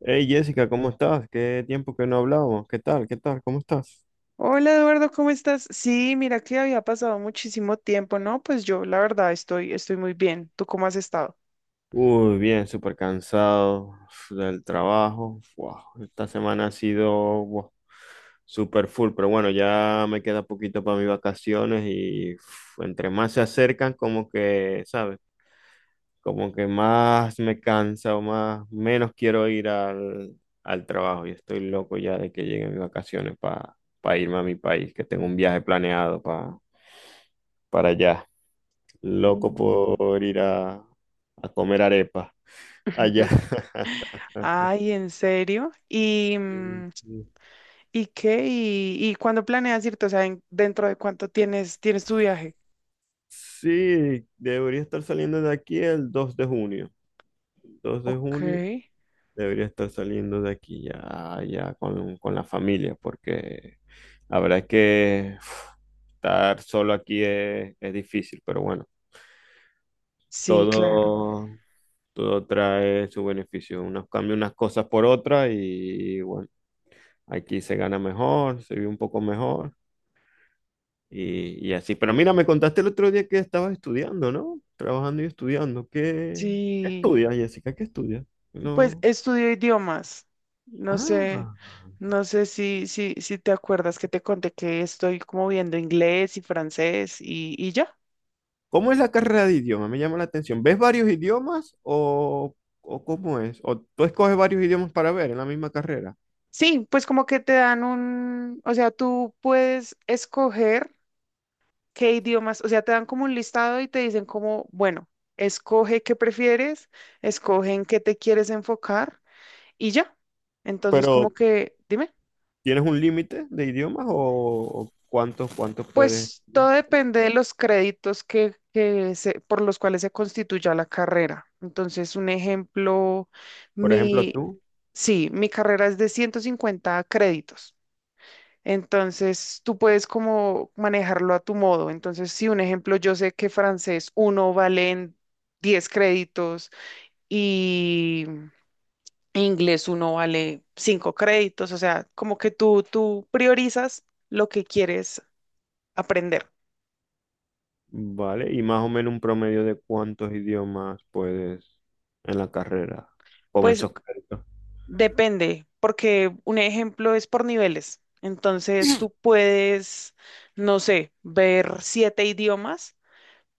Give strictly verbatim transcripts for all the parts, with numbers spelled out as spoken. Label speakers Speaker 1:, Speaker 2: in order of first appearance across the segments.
Speaker 1: Hey Jessica, ¿cómo estás? Qué tiempo que no hablábamos. ¿Qué tal? ¿Qué tal? ¿Cómo estás?
Speaker 2: Hola Eduardo, ¿cómo estás? Sí, mira que había pasado muchísimo tiempo, ¿no? Pues yo la verdad estoy, estoy muy bien. ¿Tú cómo has estado?
Speaker 1: Uy, bien, súper cansado del trabajo. Wow, esta semana ha sido, wow, súper full, pero bueno, ya me queda poquito para mis vacaciones y uf, entre más se acercan, como que, ¿sabes? Como que más me cansa o más, menos quiero ir al, al trabajo. Y estoy loco ya de que lleguen mis vacaciones para irme a mi país, que tengo un viaje planeado para para allá. Loco
Speaker 2: Mm.
Speaker 1: por ir a, a comer arepa allá.
Speaker 2: Ay, ¿en serio? ¿Y, mm, y qué? ¿Y, y cuándo planeas irte? O sea, ¿en- ¿dentro de cuánto tienes, tienes tu viaje?
Speaker 1: Sí, debería estar saliendo de aquí el dos de junio. Dos de
Speaker 2: Ok,
Speaker 1: junio debería estar saliendo de aquí ya, ya con, con la familia, porque la verdad es que uf, estar solo aquí es, es difícil, pero bueno,
Speaker 2: sí, claro.
Speaker 1: todo, todo trae su beneficio. Uno cambia unas cosas por otras y bueno, aquí se gana mejor, se vive un poco mejor. Y, y así. Pero mira, me contaste el otro día que estabas estudiando, ¿no? Trabajando y estudiando. ¿Qué, qué
Speaker 2: Sí,
Speaker 1: estudias, Jessica? ¿Qué estudias?
Speaker 2: pues
Speaker 1: No.
Speaker 2: estudio idiomas. No sé,
Speaker 1: Ah.
Speaker 2: no sé si, si, si te acuerdas que te conté que estoy como viendo inglés y francés y, y ya.
Speaker 1: ¿Cómo es la carrera de idiomas? Me llama la atención. ¿Ves varios idiomas o, o cómo es? ¿O tú escoges varios idiomas para ver en la misma carrera?
Speaker 2: Sí, pues como que te dan un, o sea, tú puedes escoger qué idiomas, o sea, te dan como un listado y te dicen como, bueno, escoge qué prefieres, escoge en qué te quieres enfocar y ya. Entonces, como
Speaker 1: Pero
Speaker 2: que, dime.
Speaker 1: ¿tienes un límite de idiomas o, o cuántos, cuántos puedes?
Speaker 2: Pues todo depende de los créditos que, que se- por los cuales se constituya la carrera. Entonces, un ejemplo,
Speaker 1: Por ejemplo,
Speaker 2: mi,
Speaker 1: tú,
Speaker 2: sí, mi carrera es de ciento cincuenta créditos. Entonces, tú puedes como manejarlo a tu modo. Entonces, si un ejemplo, yo sé que francés uno valen diez créditos y inglés uno vale cinco créditos. O sea, como que tú, tú priorizas lo que quieres aprender.
Speaker 1: ¿vale? Y más o menos un promedio de cuántos idiomas puedes en la carrera con
Speaker 2: Pues
Speaker 1: esos créditos.
Speaker 2: Depende, porque un ejemplo es por niveles. Entonces tú puedes, no sé, ver siete idiomas,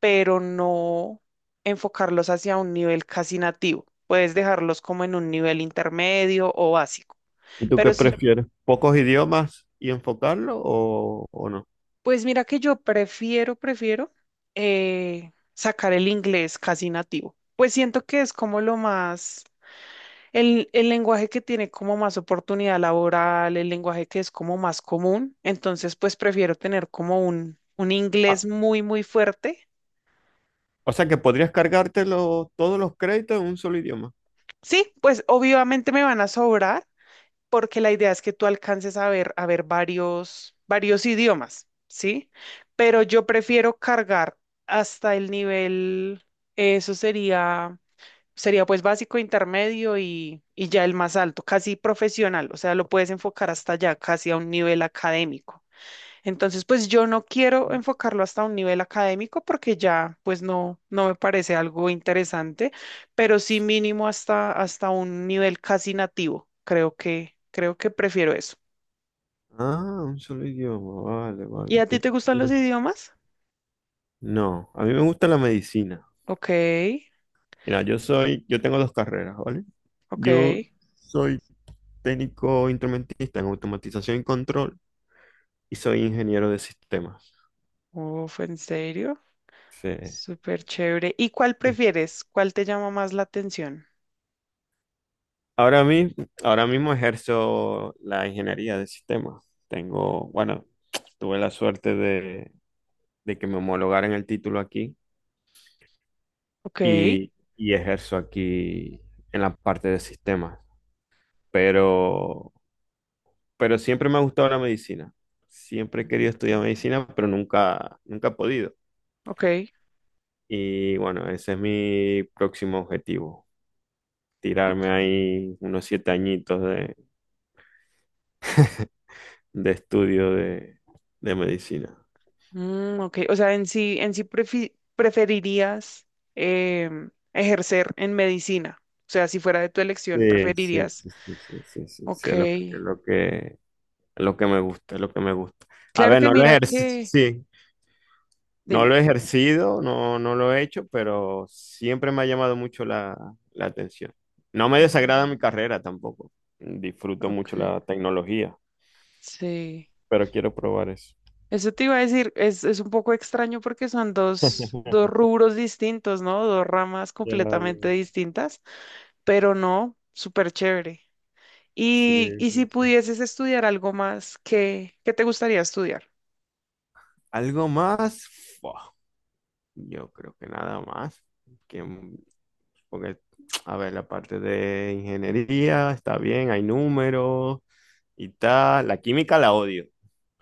Speaker 2: pero no enfocarlos hacia un nivel casi nativo. Puedes dejarlos como en un nivel intermedio o básico.
Speaker 1: ¿Y tú qué
Speaker 2: Pero sí,
Speaker 1: prefieres? ¿Pocos idiomas y enfocarlo o, o no?
Speaker 2: pues mira que yo prefiero, prefiero eh, sacar el inglés casi nativo. Pues siento que es como lo más. El, el lenguaje que tiene como más oportunidad laboral, el lenguaje que es como más común, entonces pues prefiero tener como un, un inglés
Speaker 1: Ah,
Speaker 2: muy, muy fuerte.
Speaker 1: o sea que podrías cargártelo todos los créditos en un solo idioma.
Speaker 2: Sí, pues obviamente me van a sobrar porque la idea es que tú alcances a ver, a ver varios, varios idiomas, ¿sí? Pero yo prefiero cargar hasta el nivel, eso sería... Sería pues básico, intermedio y, y ya el más alto, casi profesional, o sea, lo puedes enfocar hasta allá, casi a un nivel académico. Entonces, pues yo no quiero enfocarlo hasta un nivel académico porque ya pues no, no me parece algo interesante, pero sí mínimo hasta, hasta un nivel casi nativo. Creo que, creo que prefiero eso.
Speaker 1: Ah, un solo idioma. Vale,
Speaker 2: ¿Y
Speaker 1: vale.
Speaker 2: a ti
Speaker 1: Qué
Speaker 2: te gustan los
Speaker 1: curioso.
Speaker 2: idiomas?
Speaker 1: No, a mí me gusta la medicina.
Speaker 2: Ok,
Speaker 1: Mira, yo soy, yo tengo dos carreras, ¿vale?
Speaker 2: ok.
Speaker 1: Yo soy técnico instrumentista en automatización y control y soy ingeniero de sistemas.
Speaker 2: Uf, ¿en serio?
Speaker 1: Sí.
Speaker 2: Súper chévere. ¿Y cuál prefieres? ¿Cuál te llama más la atención?
Speaker 1: Ahora mi- ahora mismo ejerzo la ingeniería de sistemas. Tengo, bueno, tuve la suerte de, de que me homologaran el título aquí
Speaker 2: Ok,
Speaker 1: y, y ejerzo aquí en la parte de sistemas. Pero, pero siempre me ha gustado la medicina. Siempre he querido estudiar
Speaker 2: mm,
Speaker 1: medicina, pero nunca, nunca he podido.
Speaker 2: ok,
Speaker 1: Y bueno, ese es mi próximo objetivo, tirarme
Speaker 2: ok.
Speaker 1: ahí unos siete añitos de, de estudio de de medicina.
Speaker 2: Mm, ok. O sea, en sí, en sí prefi- preferirías em, ejercer en medicina. O sea, si fuera de tu elección,
Speaker 1: Sí, sí,
Speaker 2: preferirías.
Speaker 1: sí, sí, sí, sí, sí,
Speaker 2: Ok.
Speaker 1: sí, es lo que, es lo que, es lo que me gusta, es lo que me gusta. A
Speaker 2: Claro
Speaker 1: ver,
Speaker 2: que
Speaker 1: no lo
Speaker 2: mira
Speaker 1: ejer-
Speaker 2: que,
Speaker 1: sí, no
Speaker 2: dime.
Speaker 1: lo he ejercido, no, no lo he hecho, pero siempre me ha llamado mucho la, la atención. No me desagrada
Speaker 2: Mm.
Speaker 1: mi carrera tampoco. Disfruto mucho
Speaker 2: Okay,
Speaker 1: la tecnología,
Speaker 2: sí.
Speaker 1: pero quiero probar eso.
Speaker 2: Eso te iba a decir, es, es un poco extraño porque son dos, dos rubros distintos, ¿no? Dos ramas
Speaker 1: Ya, ya,
Speaker 2: completamente distintas, pero no, súper chévere.
Speaker 1: sí,
Speaker 2: Y, y si
Speaker 1: sí, sí.
Speaker 2: pudieses estudiar algo más, ¿qué, qué te gustaría estudiar?
Speaker 1: ¿Algo más? Fua, yo creo que nada más. Que Porque, a ver, la parte de ingeniería está bien, hay números y tal. La química la odio.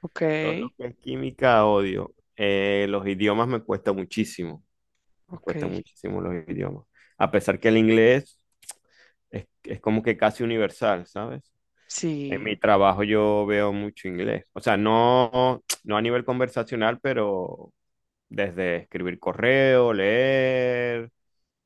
Speaker 2: Ok,
Speaker 1: Todo lo que es química odio. Eh, los idiomas me cuesta muchísimo. Me
Speaker 2: ok.
Speaker 1: cuesta muchísimo los idiomas. A pesar que el inglés es, es como que casi universal, ¿sabes? En
Speaker 2: Sí,
Speaker 1: mi trabajo yo veo mucho inglés. O sea, no, no a nivel conversacional, pero desde escribir correo, leer,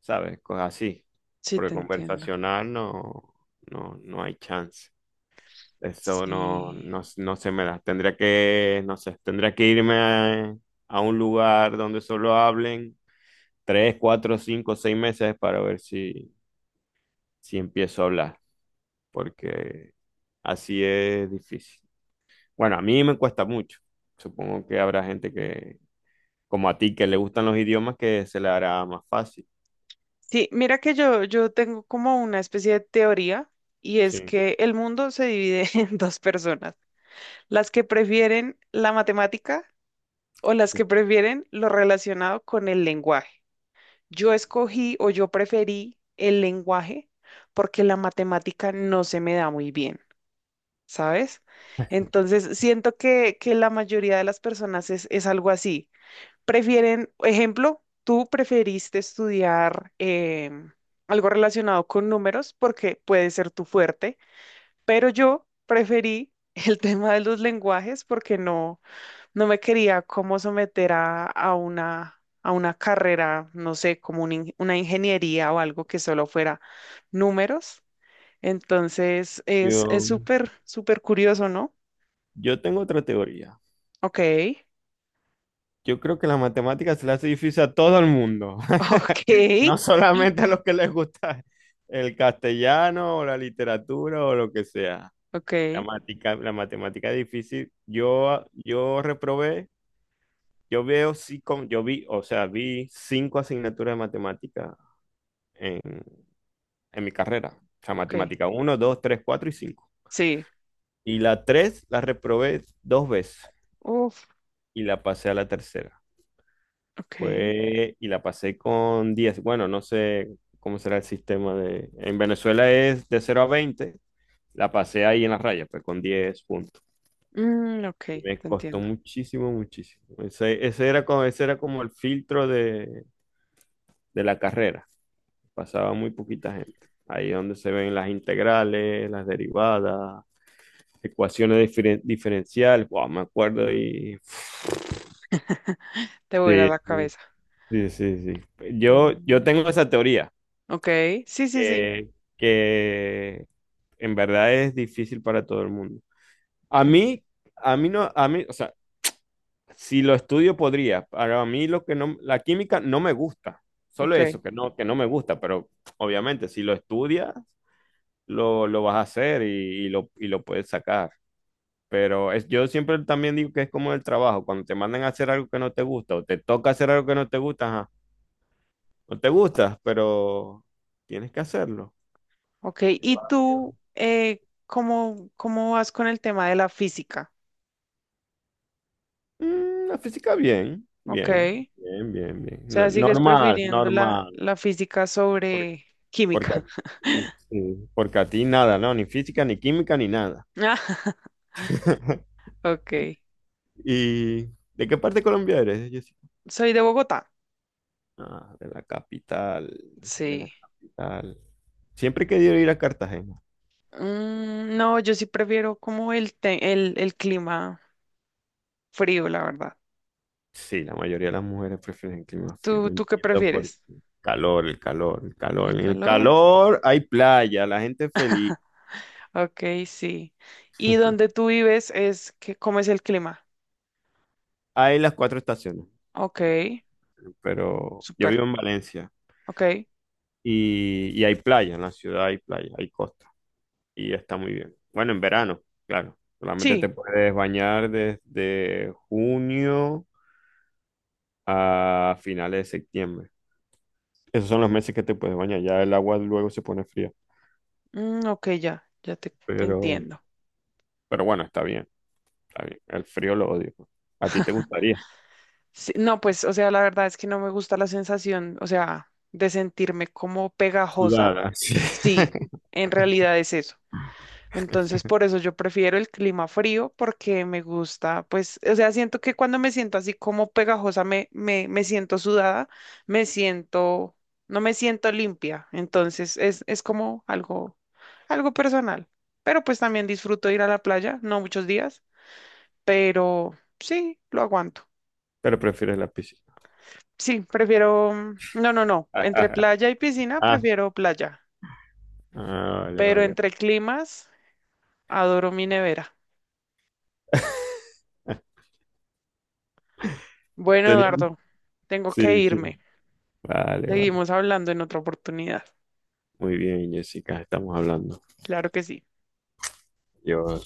Speaker 1: ¿sabes? Cosas así.
Speaker 2: sí
Speaker 1: Porque
Speaker 2: te entiendo.
Speaker 1: conversacional no, no, no hay chance. Eso no,
Speaker 2: Sí.
Speaker 1: no, no se me da. Tendría que, no sé, tendría que irme a, a un lugar donde solo hablen tres, cuatro, cinco, seis meses para ver si, si empiezo a hablar. Porque así es difícil. Bueno, a mí me cuesta mucho. Supongo que habrá gente que, como a ti, que le gustan los idiomas, que se le hará más fácil.
Speaker 2: Sí, mira que yo, yo tengo como una especie de teoría y es
Speaker 1: Sí,
Speaker 2: que el mundo se divide en dos personas, las que prefieren la matemática o las que prefieren lo relacionado con el lenguaje. Yo escogí o yo preferí el lenguaje porque la matemática no se me da muy bien. ¿sabes? Entonces, siento que, que la mayoría de las personas es, es algo así. Prefieren, ejemplo, tú preferiste estudiar em, algo relacionado con números porque puede ser tu fuerte, pero yo preferí el tema de los lenguajes porque no, no me quería como someter a, a una... a una carrera, no sé, como un in- una ingeniería o algo que solo fuera números. Entonces, es es
Speaker 1: yo,
Speaker 2: súper, súper curioso, ¿no?
Speaker 1: yo tengo otra teoría.
Speaker 2: Ok,
Speaker 1: Yo creo que la matemática se le hace difícil a todo el mundo, no
Speaker 2: ok,
Speaker 1: solamente a los que les gusta el castellano o la literatura o lo que sea.
Speaker 2: ok,
Speaker 1: La matica- la matemática es difícil. Yo, ah, yo reprobé, yo veo sí, con- yo vi, o sea, vi cinco asignaturas de matemática en, en mi carrera. O sea,
Speaker 2: ok.
Speaker 1: matemática uno, dos, tres, cuatro y cinco.
Speaker 2: Sí.
Speaker 1: Y la tres la reprobé dos veces
Speaker 2: Uf,
Speaker 1: y la pasé a la tercera.
Speaker 2: ok.
Speaker 1: Fue, y la pasé con diez. Bueno, no sé cómo será el sistema de... En Venezuela es de cero a veinte. La pasé ahí en la raya, pues con diez puntos.
Speaker 2: Mm, ok,
Speaker 1: Y me
Speaker 2: te
Speaker 1: costó
Speaker 2: entiendo.
Speaker 1: muchísimo, muchísimo. Ese, ese era como, ese era como el filtro de, de la carrera. Pasaba muy poquita gente. Ahí es donde se ven las integrales, las derivadas, ecuaciones diferen- diferenciales. Wow, me acuerdo y...
Speaker 2: Te vuela
Speaker 1: Sí,
Speaker 2: la
Speaker 1: sí,
Speaker 2: cabeza.
Speaker 1: sí, sí. Sí. Yo, yo tengo
Speaker 2: Mm,
Speaker 1: esa teoría
Speaker 2: ok, sí, sí, sí.
Speaker 1: que, que en verdad es difícil para todo el mundo. A
Speaker 2: Ok,
Speaker 1: mí, a mí no, a mí, o sea, si lo estudio podría, para mí lo que no, la química no me gusta, solo
Speaker 2: ok,
Speaker 1: eso, que no, que no me gusta, pero obviamente si lo estudias, lo, lo vas a hacer y, y lo, y lo puedes sacar. Pero es, yo siempre también digo que es como el trabajo, cuando te mandan a hacer algo que no te gusta o te toca hacer algo que no te gusta, ajá, no te gusta, pero tienes que hacerlo.
Speaker 2: ok.
Speaker 1: Qué
Speaker 2: ¿Y
Speaker 1: va, qué
Speaker 2: tú,
Speaker 1: va.
Speaker 2: eh, cómo, cómo vas con el tema de la física?
Speaker 1: Mm, la física bien,
Speaker 2: Ok.
Speaker 1: bien, bien, bien, bien.
Speaker 2: O
Speaker 1: No-
Speaker 2: sea, sigues
Speaker 1: normal,
Speaker 2: prefiriendo la,
Speaker 1: normal.
Speaker 2: la física
Speaker 1: Por-
Speaker 2: sobre
Speaker 1: porque,
Speaker 2: química.
Speaker 1: a- y, sí, porque a ti nada, ¿no? Ni física, ni química, ni nada.
Speaker 2: Ah. Ok.
Speaker 1: ¿Y de qué parte de Colombia eres, Jessica?
Speaker 2: Soy de Bogotá.
Speaker 1: Ah, de la capital, de la
Speaker 2: Sí.
Speaker 1: capital. Siempre he querido ir a Cartagena.
Speaker 2: Mm, no, yo sí prefiero como el, te- el, el clima. Frío, la verdad.
Speaker 1: Sí, la mayoría de las mujeres prefieren el clima frío.
Speaker 2: ¿Tú,
Speaker 1: No
Speaker 2: tú qué
Speaker 1: entiendo por
Speaker 2: prefieres?
Speaker 1: qué. Calor, el calor, el calor.
Speaker 2: ¿El
Speaker 1: En el
Speaker 2: calor?
Speaker 1: calor hay playa, la gente es feliz.
Speaker 2: Ok, sí. ¿Y donde tú vives es que, cómo es el clima?
Speaker 1: Hay las cuatro estaciones,
Speaker 2: Ok,
Speaker 1: pero yo
Speaker 2: súper.
Speaker 1: vivo en Valencia.
Speaker 2: Ok,
Speaker 1: Y, y hay playa, en la ciudad hay playa, hay costa y está muy bien. Bueno, en verano, claro. Solamente te
Speaker 2: sí.
Speaker 1: puedes bañar desde junio a finales de septiembre. Esos son los meses que te puedes bañar. Ya el agua luego se pone fría.
Speaker 2: Mm, ok, ya, ya te, te
Speaker 1: Pero,
Speaker 2: entiendo.
Speaker 1: pero bueno, está bien, está bien. El frío lo odio. ¿A ti te gustaría?
Speaker 2: Sí, no, pues, o sea, la verdad es que no me gusta la sensación, o sea, de sentirme como pegajosa.
Speaker 1: Sudar, así.
Speaker 2: Sí, en realidad es eso. Entonces, por eso yo prefiero el clima frío porque me gusta, pues, o sea, siento que cuando me siento así como pegajosa, me, me, me siento sudada, me siento, no me siento limpia. Entonces, es, es como algo, algo personal. Pero pues también disfruto ir a la playa, no muchos días, pero sí, lo aguanto.
Speaker 1: Pero prefieres la piscina.
Speaker 2: Sí, prefiero, mm, no, no, no, entre playa y piscina
Speaker 1: Ah,
Speaker 2: prefiero playa,
Speaker 1: ah, vale,
Speaker 2: pero
Speaker 1: vale.
Speaker 2: entre climas adoro mi nevera. Bueno,
Speaker 1: Tenía...
Speaker 2: Eduardo, tengo que
Speaker 1: Sí, sí.
Speaker 2: irme.
Speaker 1: Vale, vale.
Speaker 2: Seguimos hablando en otra oportunidad.
Speaker 1: Muy bien, Jessica, estamos hablando.
Speaker 2: Claro que sí.
Speaker 1: Yo